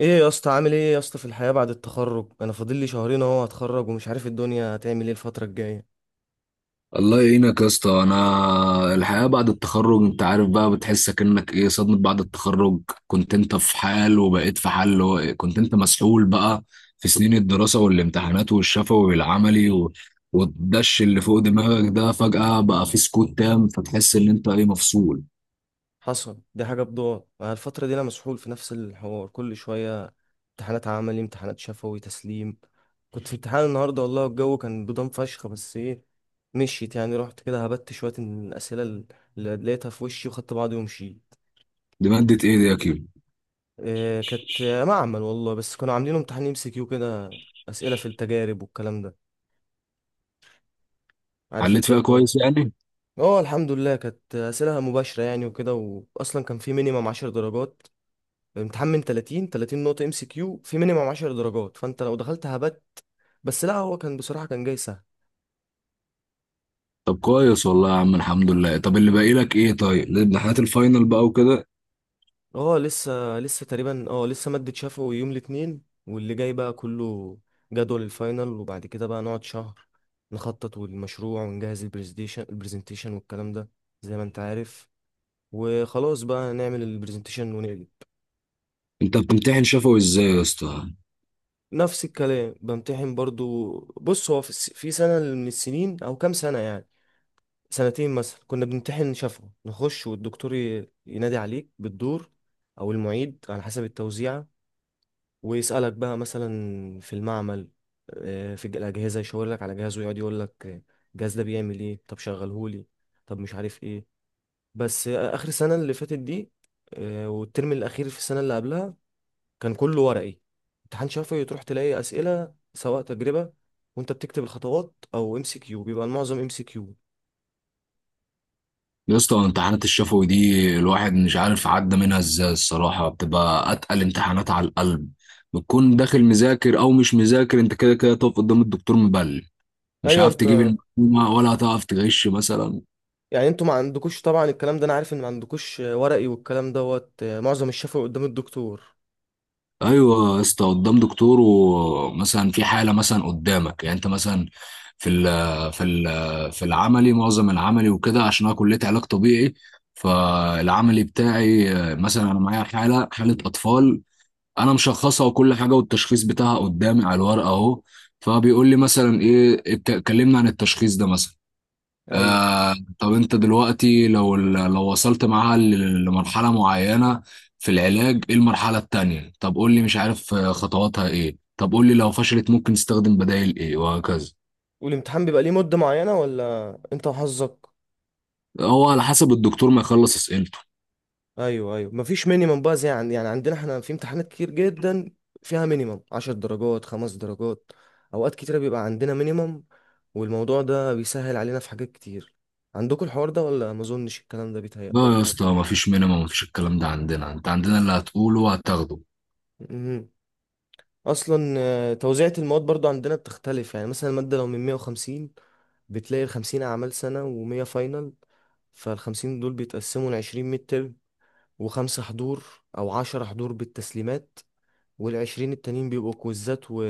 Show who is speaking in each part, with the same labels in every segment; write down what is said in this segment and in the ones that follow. Speaker 1: ايه يا اسطى، عامل ايه يا اسطى في الحياة بعد التخرج؟ انا فاضل لي شهرين اهو، هتخرج ومش عارف الدنيا هتعمل ايه الفترة الجاية.
Speaker 2: الله يعينك يا اسطى. انا الحياه بعد التخرج، انت عارف بقى، بتحس كأنك ايه؟ صدمه بعد التخرج. كنت انت في حال وبقيت في حال، اللي هو إيه، كنت انت مسحول بقى في سنين الدراسه والامتحانات والشفوي والعملي والدش اللي فوق دماغك ده فجأة بقى في سكوت تام، فتحس ان انت ايه، مفصول.
Speaker 1: حصل دي حاجة بضاعة مع الفترة دي، انا مسحول في نفس الحوار كل شوية: امتحانات عملي، امتحانات شفوي، تسليم. كنت في امتحان النهاردة والله الجو كان بضم فشخ، بس ايه، مشيت يعني، رحت كده هبت شوية من الأسئلة اللي لقيتها في وشي وخدت بعضي ومشيت.
Speaker 2: دي مادة ايه دي يا كيلو؟
Speaker 1: إيه، كانت معمل والله، بس كانوا عاملين امتحان ام سي كيو كده، أسئلة في التجارب والكلام ده. عارف
Speaker 2: حليت
Speaker 1: انت
Speaker 2: فيها كويس يعني؟
Speaker 1: اه الحمد لله، كانت اسئله مباشره يعني وكده. واصلا كان في مينيمم 10 درجات. الامتحان من 30، 30 نقطه ام سي كيو، في مينيمم 10 درجات، فانت لو دخلت هبت. بس لا، هو كان بصراحه كان جاي سهل.
Speaker 2: طب كويس والله يا عم، الحمد لله. طب اللي باقي لك ايه؟ طيب الامتحانات الفاينل بقى وكده.
Speaker 1: اه لسه، لسه تقريبا اه لسه ماده شفوي يوم الاثنين، واللي جاي بقى كله جدول الفاينل، وبعد كده بقى نقعد شهر نخطط والمشروع، ونجهز البرزنتيشن، والكلام ده زي ما انت عارف. وخلاص بقى نعمل البرزنتيشن ونقلب.
Speaker 2: انت بتمتحن شفوي ازاي يا اسطى؟
Speaker 1: نفس الكلام، بمتحن برضو. بص، هو في سنة من السنين أو كام سنة يعني، سنتين مثلا، كنا بنمتحن شفوي، نخش والدكتور ينادي عليك بالدور أو المعيد على حسب التوزيعة، ويسألك بقى مثلا في المعمل، الأجهزة، يشاور لك على جهاز ويقعد يقول لك الجهاز ده بيعمل إيه، طب شغلهولي، طب مش عارف إيه. بس آخر سنة اللي فاتت دي، والترم الأخير في السنة اللي قبلها، كان كله ورقي. امتحان شفوي، تروح تلاقي اسئله، سواء تجربه وانت بتكتب الخطوات او ام سي كيو، بيبقى المعظم ام سي كيو.
Speaker 2: يا اسطى، امتحانات الشفوي دي الواحد مش عارف عدى منها ازاي، الصراحة بتبقى أتقل امتحانات على القلب. بتكون داخل مذاكر أو مش مذاكر، أنت كده كده تقف قدام الدكتور مبلم، مش
Speaker 1: ايوه
Speaker 2: عارف
Speaker 1: انت.
Speaker 2: تجيب المعلومة، ولا هتعرف تغش مثلا.
Speaker 1: يعني انتوا ما عندكوش طبعا الكلام ده، انا عارف ان ما عندكوش ورقي والكلام دوت، معظم الشفوي قدام الدكتور.
Speaker 2: أيوة يا اسطى، قدام دكتور. ومثلا في حالة، مثلا قدامك، يعني أنت مثلا في ال في العملي، معظم العملي وكده، عشان أنا كلية علاج طبيعي. فالعملي بتاعي مثلا أنا معايا حالة أطفال، انا مشخصها وكل حاجه، والتشخيص بتاعها قدامي على الورقه اهو. فبيقول لي مثلا ايه، كلمنا عن التشخيص ده مثلا.
Speaker 1: ايوه.
Speaker 2: آه. طب انت دلوقتي لو وصلت معاها لمرحله معينه في العلاج، ايه المرحله التانيه؟ طب قول لي مش عارف خطواتها ايه. طب قول لي لو فشلت ممكن نستخدم بدائل ايه وهكذا.
Speaker 1: والامتحان بيبقى ليه مده معينه، ولا انت وحظك؟
Speaker 2: هو على حسب الدكتور ما يخلص اسئلته.
Speaker 1: ايوه، ايوه، مفيش مينيمم بقى زي... عن... يعني عندنا احنا في امتحانات كتير جدا فيها مينيمم 10 درجات، خمس درجات. اوقات كتيره بيبقى عندنا مينيمم، والموضوع ده بيسهل علينا في حاجات كتير. عندكم الحوار ده ولا ما اظنش الكلام ده بيتهيألي؟
Speaker 2: لا يا اسطى، مفيش مينيمم، مفيش الكلام ده عندنا. انت عندنا اللي هتقوله هتاخده.
Speaker 1: مهم. اصلا توزيعة المواد برضو عندنا بتختلف يعني، مثلا المادة لو من 150، بتلاقي ال 50 اعمال سنة و100 فاينل. فال 50 دول بيتقسموا ل 20 ميد ترم، وخمسة حضور او 10 حضور بالتسليمات، والعشرين التانيين بيبقوا كويزات. و...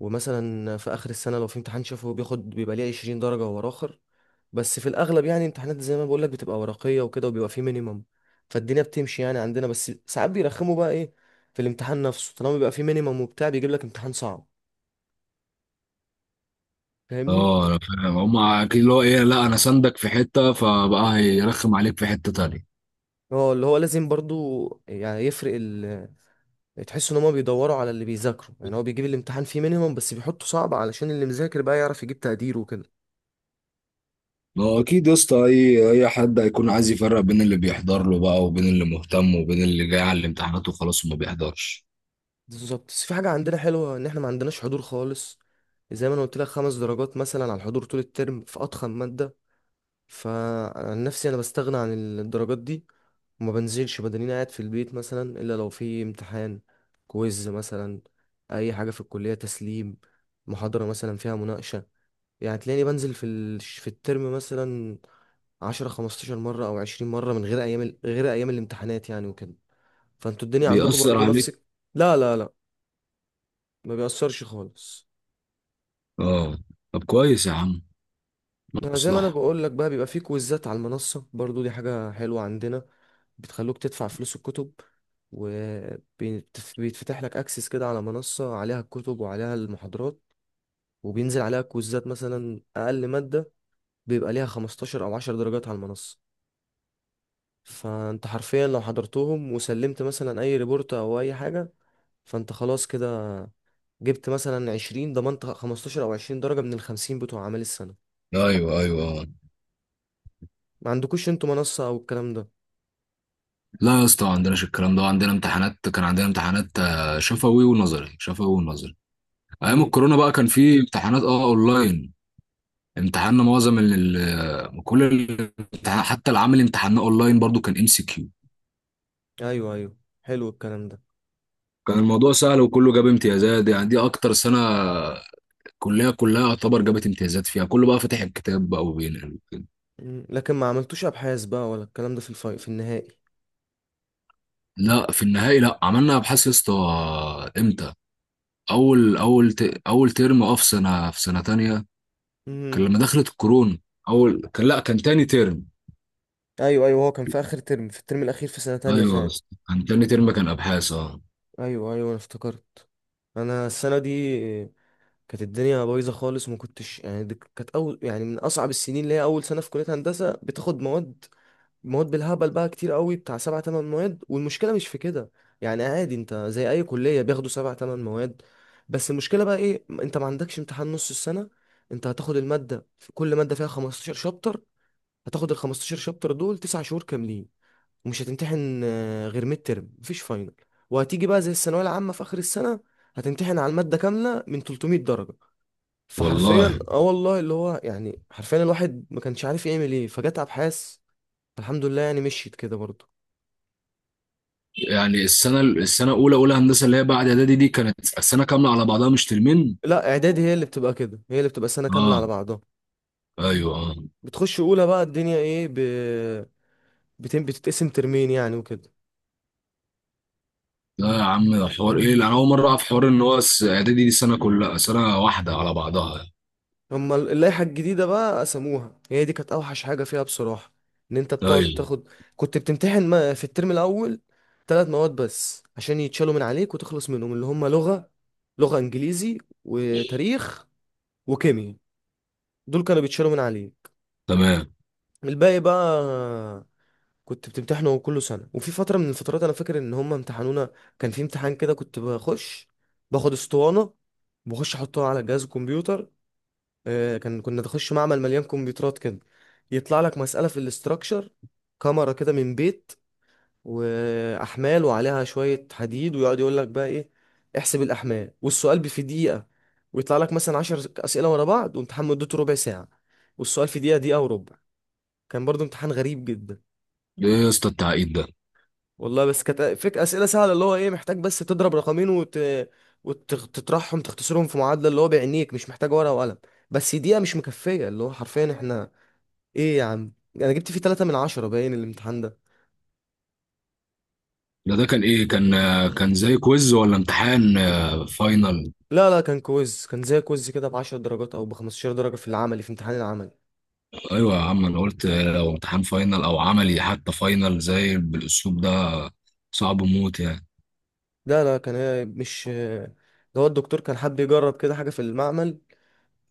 Speaker 1: ومثلا في آخر السنة لو في امتحان شافه بياخد، بيبقى ليه عشرين درجة ورا آخر. بس في الأغلب يعني امتحانات زي ما بقولك بتبقى ورقية وكده، وبيبقى فيه مينيمم، فالدنيا بتمشي يعني عندنا. بس ساعات بيرخموا بقى إيه، في الامتحان نفسه طالما بيبقى فيه مينيمم وبتاع، بيجيب لك امتحان صعب. فاهمني؟
Speaker 2: اه، انا فاهم. هما اكيد اللي هو ايه، لا انا ساندك في حته فبقى هيرخم عليك في حته تانية.
Speaker 1: اه، اللي هو لازم برضو يعني يفرق ال... تحس ان هما بيدوروا على اللي بيذاكروا يعني، هو بيجيب الامتحان فيه مينيمم بس بيحطه صعب علشان اللي مذاكر بقى يعرف يجيب تقدير وكده.
Speaker 2: ما هو اكيد يا اسطى، اي حد هيكون عايز يفرق بين اللي بيحضر له بقى، وبين اللي مهتم، وبين اللي جاي على الامتحانات وخلاص وما بيحضرش.
Speaker 1: بالظبط. بس في حاجة عندنا حلوة، إن إحنا ما عندناش حضور خالص. زي ما أنا قلت لك، خمس درجات مثلا على الحضور طول الترم في أضخم مادة. فعن نفسي أنا بستغنى عن الدرجات دي، وما بنزلش بدنيا، قاعد في البيت مثلا إلا لو في امتحان، كويز مثلا، أي حاجة في الكلية، تسليم، محاضرة مثلا فيها مناقشة. يعني تلاقيني بنزل في ال... في الترم مثلا عشرة، خمستاشر مرة أو عشرين مرة من غير أيام ال... غير أيام الامتحانات يعني وكده. فأنتوا الدنيا عندكم
Speaker 2: بيأثر
Speaker 1: برضو
Speaker 2: عليك؟
Speaker 1: نفسك؟ لا لا لا، ما بيأثرش خالص.
Speaker 2: اه، طب كويس يا عم.
Speaker 1: ما زي ما انا
Speaker 2: مصلحه.
Speaker 1: بقول لك بقى، بيبقى فيه كويزات على المنصة برضو، دي حاجة حلوة عندنا. بتخلوك تدفع فلوس الكتب، وبيتفتح لك اكسس كده على منصة عليها الكتب وعليها المحاضرات، وبينزل عليها كويزات. مثلا اقل مادة بيبقى ليها 15 او 10 درجات على المنصة، فانت حرفيا لو حضرتهم وسلمت مثلا اي ريبورت او اي حاجة، فانت خلاص كده جبت مثلا 20، ضمنت 15 او 20 درجة من ال 50 بتوع اعمال السنة.
Speaker 2: ايوه، ايوه.
Speaker 1: ما عندكوش انتوا منصة او الكلام ده؟
Speaker 2: لا يا اسطى، ما عندناش الكلام ده عندنا. امتحانات كان عندنا، امتحانات شفوي ونظري، شفوي ونظري. ايام
Speaker 1: امم
Speaker 2: الكورونا بقى كان في امتحانات اونلاين. امتحاننا معظم كل الامتحان حتى العمل امتحاننا اونلاين، برضو كان ام سي كيو.
Speaker 1: ايوه ايوه، حلو الكلام ده.
Speaker 2: كان الموضوع سهل وكله جاب امتيازات، يعني دي اكتر سنه الكليه كلها يعتبر جابت امتيازات فيها، كله بقى فاتح الكتاب بقى وبينقل وكده.
Speaker 1: لكن ما عملتوش ابحاث بقى ولا الكلام ده في الفاي، في النهائي؟
Speaker 2: لا، في النهائي لا، عملنا ابحاث يا اسطى. امتى؟ اول ترم، اه، في سنه تانية. كان
Speaker 1: امم
Speaker 2: لما دخلت الكورونا. اول كان، لا كان تاني ترم.
Speaker 1: ايوه ايوه، هو كان في اخر ترم، في الترم الاخير في سنة تانية
Speaker 2: ايوه يا
Speaker 1: فعلا.
Speaker 2: اسطى. كان تاني ترم، كان ابحاث، اه.
Speaker 1: ايوه ايوه انا افتكرت. انا السنة دي كانت الدنيا بايظة خالص، ما كنتش يعني، دي كانت اول يعني من اصعب السنين، اللي هي اول سنة في كلية هندسة، بتاخد مواد، مواد بالهبل بقى، كتير قوي بتاع سبع تمن مواد، والمشكله مش في كده. يعني عادي انت زي اي كليه بياخدوا سبع تمن مواد، بس المشكله بقى ايه، انت ما عندكش امتحان نص السنه. انت هتاخد الماده، في كل ماده فيها 15 شابتر، هتاخد ال 15 شابتر دول تسع شهور كاملين، ومش هتمتحن غير ميد ترم، مفيش فاينل. وهتيجي بقى زي الثانويه العامه في اخر السنه، هتمتحن على الماده كامله من 300 درجه. فحرفيا،
Speaker 2: والله،
Speaker 1: اه والله، اللي هو يعني حرفيا الواحد ما كانش عارف يعمل ايه، فجت ابحاث. الحمد لله يعني مشيت كده برضه.
Speaker 2: يعني السنه الاولى، اولى هندسه اللي هي بعد اعدادي، دي كانت السنه كامله على بعضها مش ترمين.
Speaker 1: لا، اعدادي هي اللي بتبقى كده، هي اللي بتبقى سنه كامله على
Speaker 2: اه.
Speaker 1: بعضها.
Speaker 2: ايوه، اه.
Speaker 1: بتخش اولى بقى، الدنيا ايه ب... بتم، بتتقسم ترمين يعني وكده.
Speaker 2: لا يا عم، ده حوار ايه؟ انا اول مره اعرف حوار ان هو اعدادي دي سنه كلها، سنه واحده على بعضها.
Speaker 1: هما اللائحه الجديده بقى قسموها، هي دي كانت اوحش حاجه فيها بصراحه، ان انت بتقعد
Speaker 2: ايوه.
Speaker 1: تاخد. كنت بتمتحن في الترم الاول ثلاث مواد بس عشان يتشالوا من عليك وتخلص منهم، اللي هما لغه، لغه انجليزي وتاريخ وكيمياء، دول كانوا بيتشالوا من عليك.
Speaker 2: تمام.
Speaker 1: الباقي بقى كنت بتمتحنوا كل سنة. وفي فترة من الفترات أنا فاكر إن هما امتحنونا، كان في امتحان كده، كنت بخش باخد اسطوانة، بخش أحطها على جهاز الكمبيوتر. كان كنا نخش معمل مليان كمبيوترات كده، يطلع لك مسألة في الاستراكشر، كاميرا كده من بيت، وأحمال وعليها شوية حديد، ويقعد يقول لك بقى إيه، احسب الأحمال، والسؤال في دقيقة. ويطلع لك مثلا عشر أسئلة ورا بعض، وامتحان مدته ربع ساعة، والسؤال في دقيقة، دقيقة وربع. كان برضو امتحان غريب جدا.
Speaker 2: ده ايه يا اسطى التعقيد ده؟
Speaker 1: والله بس كانت فك اسئله سهله، اللي هو ايه، محتاج بس تضرب رقمين وتطرحهم تختصرهم في معادله، اللي هو بعينيك مش محتاج ورقه وقلم. بس دقيقه مش مكفيه، اللي هو حرفيا احنا ايه يا عم، انا جبت فيه 3 من 10 باين الامتحان ده.
Speaker 2: ده كان ايه، كان زي كويز ولا امتحان فاينل؟
Speaker 1: لا لا، كان كويز، كان زي كويز كده ب 10 درجات او ب 15 درجه، في العملي، في امتحان العملي.
Speaker 2: ايوه يا عم، انا قلت لو امتحان فاينل او عملي، حتى فاينل زي بالاسلوب ده، صعب موت يعني.
Speaker 1: لا لا كان إيه، مش... ده هو الدكتور كان حابب يجرب كده حاجه في المعمل،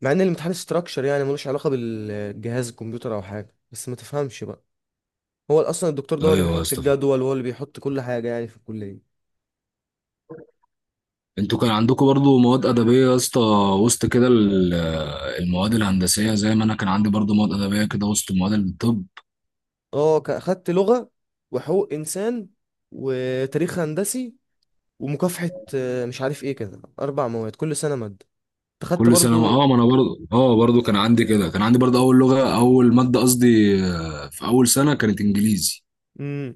Speaker 1: مع ان الامتحان استراكشر يعني ملوش علاقه بالجهاز الكمبيوتر او حاجه، بس ما تفهمش بقى. هو اصلا الدكتور ده هو اللي
Speaker 2: ايوه يا
Speaker 1: بيحط
Speaker 2: اسطى.
Speaker 1: الجدول، وهو اللي بيحط كل حاجه يعني في الكليه.
Speaker 2: انتوا كان عندكم برضو مواد ادبيه يا اسطى وسط كده المواد الهندسيه، زي ما انا كان عندي برضو مواد ادبيه كده وسط مواد الطب.
Speaker 1: اه، خدت لغه، وحقوق انسان، وتاريخ هندسي، ومكافحه مش عارف ايه كده، اربع مواد، كل سنه ماده، خدت
Speaker 2: كل سنه، ما
Speaker 1: برضو.
Speaker 2: اه ما انا برضو، كان عندي برضو اول لغه، اول ماده قصدي، في اول سنه كانت انجليزي.
Speaker 1: امم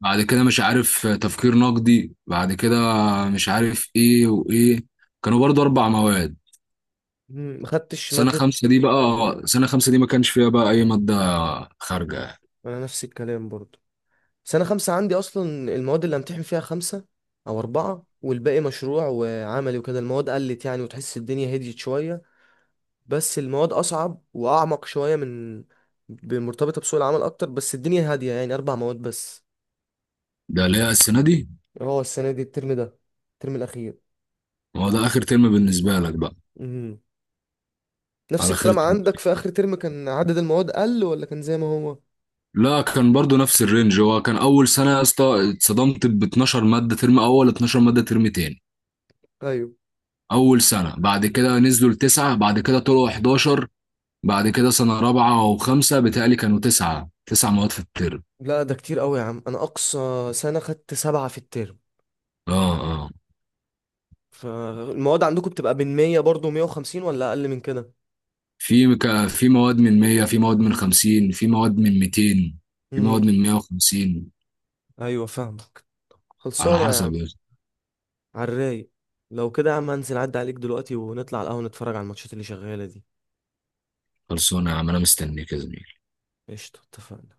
Speaker 2: بعد كده مش عارف، تفكير نقدي، بعد كده مش عارف ايه وايه، كانوا برضو اربع مواد.
Speaker 1: ما خدتش ماده.
Speaker 2: سنه خمسه دي ما كانش فيها بقى اي ماده خارجه.
Speaker 1: انا نفس الكلام برضو، سنه خمسة عندي اصلا المواد اللي امتحن فيها خمسة او اربعة، والباقي مشروع وعملي وكده. المواد قلت يعني، وتحس الدنيا هديت شويه، بس المواد اصعب واعمق شويه من مرتبطه بسوق العمل اكتر، بس الدنيا هاديه يعني اربع مواد بس.
Speaker 2: ده ليه السنه دي؟
Speaker 1: اه السنه دي الترم ده، الترم الاخير.
Speaker 2: هو ده اخر ترم بالنسبه لك بقى؟
Speaker 1: امم نفس
Speaker 2: على
Speaker 1: الكلام
Speaker 2: خير.
Speaker 1: عندك؟ في اخر ترم كان عدد المواد قل ولا كان زي ما هو؟
Speaker 2: لا، كان برضو نفس الرينج. هو كان اول سنه يا اسطى، اتصدمت ب 12 ماده ترم اول، 12 ماده ترم تاني.
Speaker 1: ايوه.
Speaker 2: اول سنه. بعد كده نزلوا لتسعه، بعد كده طلعوا 11. بعد كده سنه رابعه وخمسه بتهيألي كانوا تسعه، تسع مواد في الترم.
Speaker 1: لا ده كتير قوي يا عم، انا اقصى سنه خدت سبعة في الترم.
Speaker 2: اه، اه.
Speaker 1: فالمواد عندكم بتبقى من 100 برضه، 150 ولا اقل من كده؟
Speaker 2: في مواد من 100، في مواد من 50، في مواد من 200، في مواد
Speaker 1: امم
Speaker 2: من 150.
Speaker 1: ايوه فاهمك.
Speaker 2: على
Speaker 1: خلصانه يا
Speaker 2: حسب
Speaker 1: عم.
Speaker 2: يا أخي.
Speaker 1: على الرايق. لو كده يا عم هنزل عدى عليك دلوقتي، ونطلع على القهوه نتفرج على الماتشات اللي شغاله دي.
Speaker 2: خلصونا يا عم، انا مستنيك يا زميلي.
Speaker 1: قشطة، اتفقنا.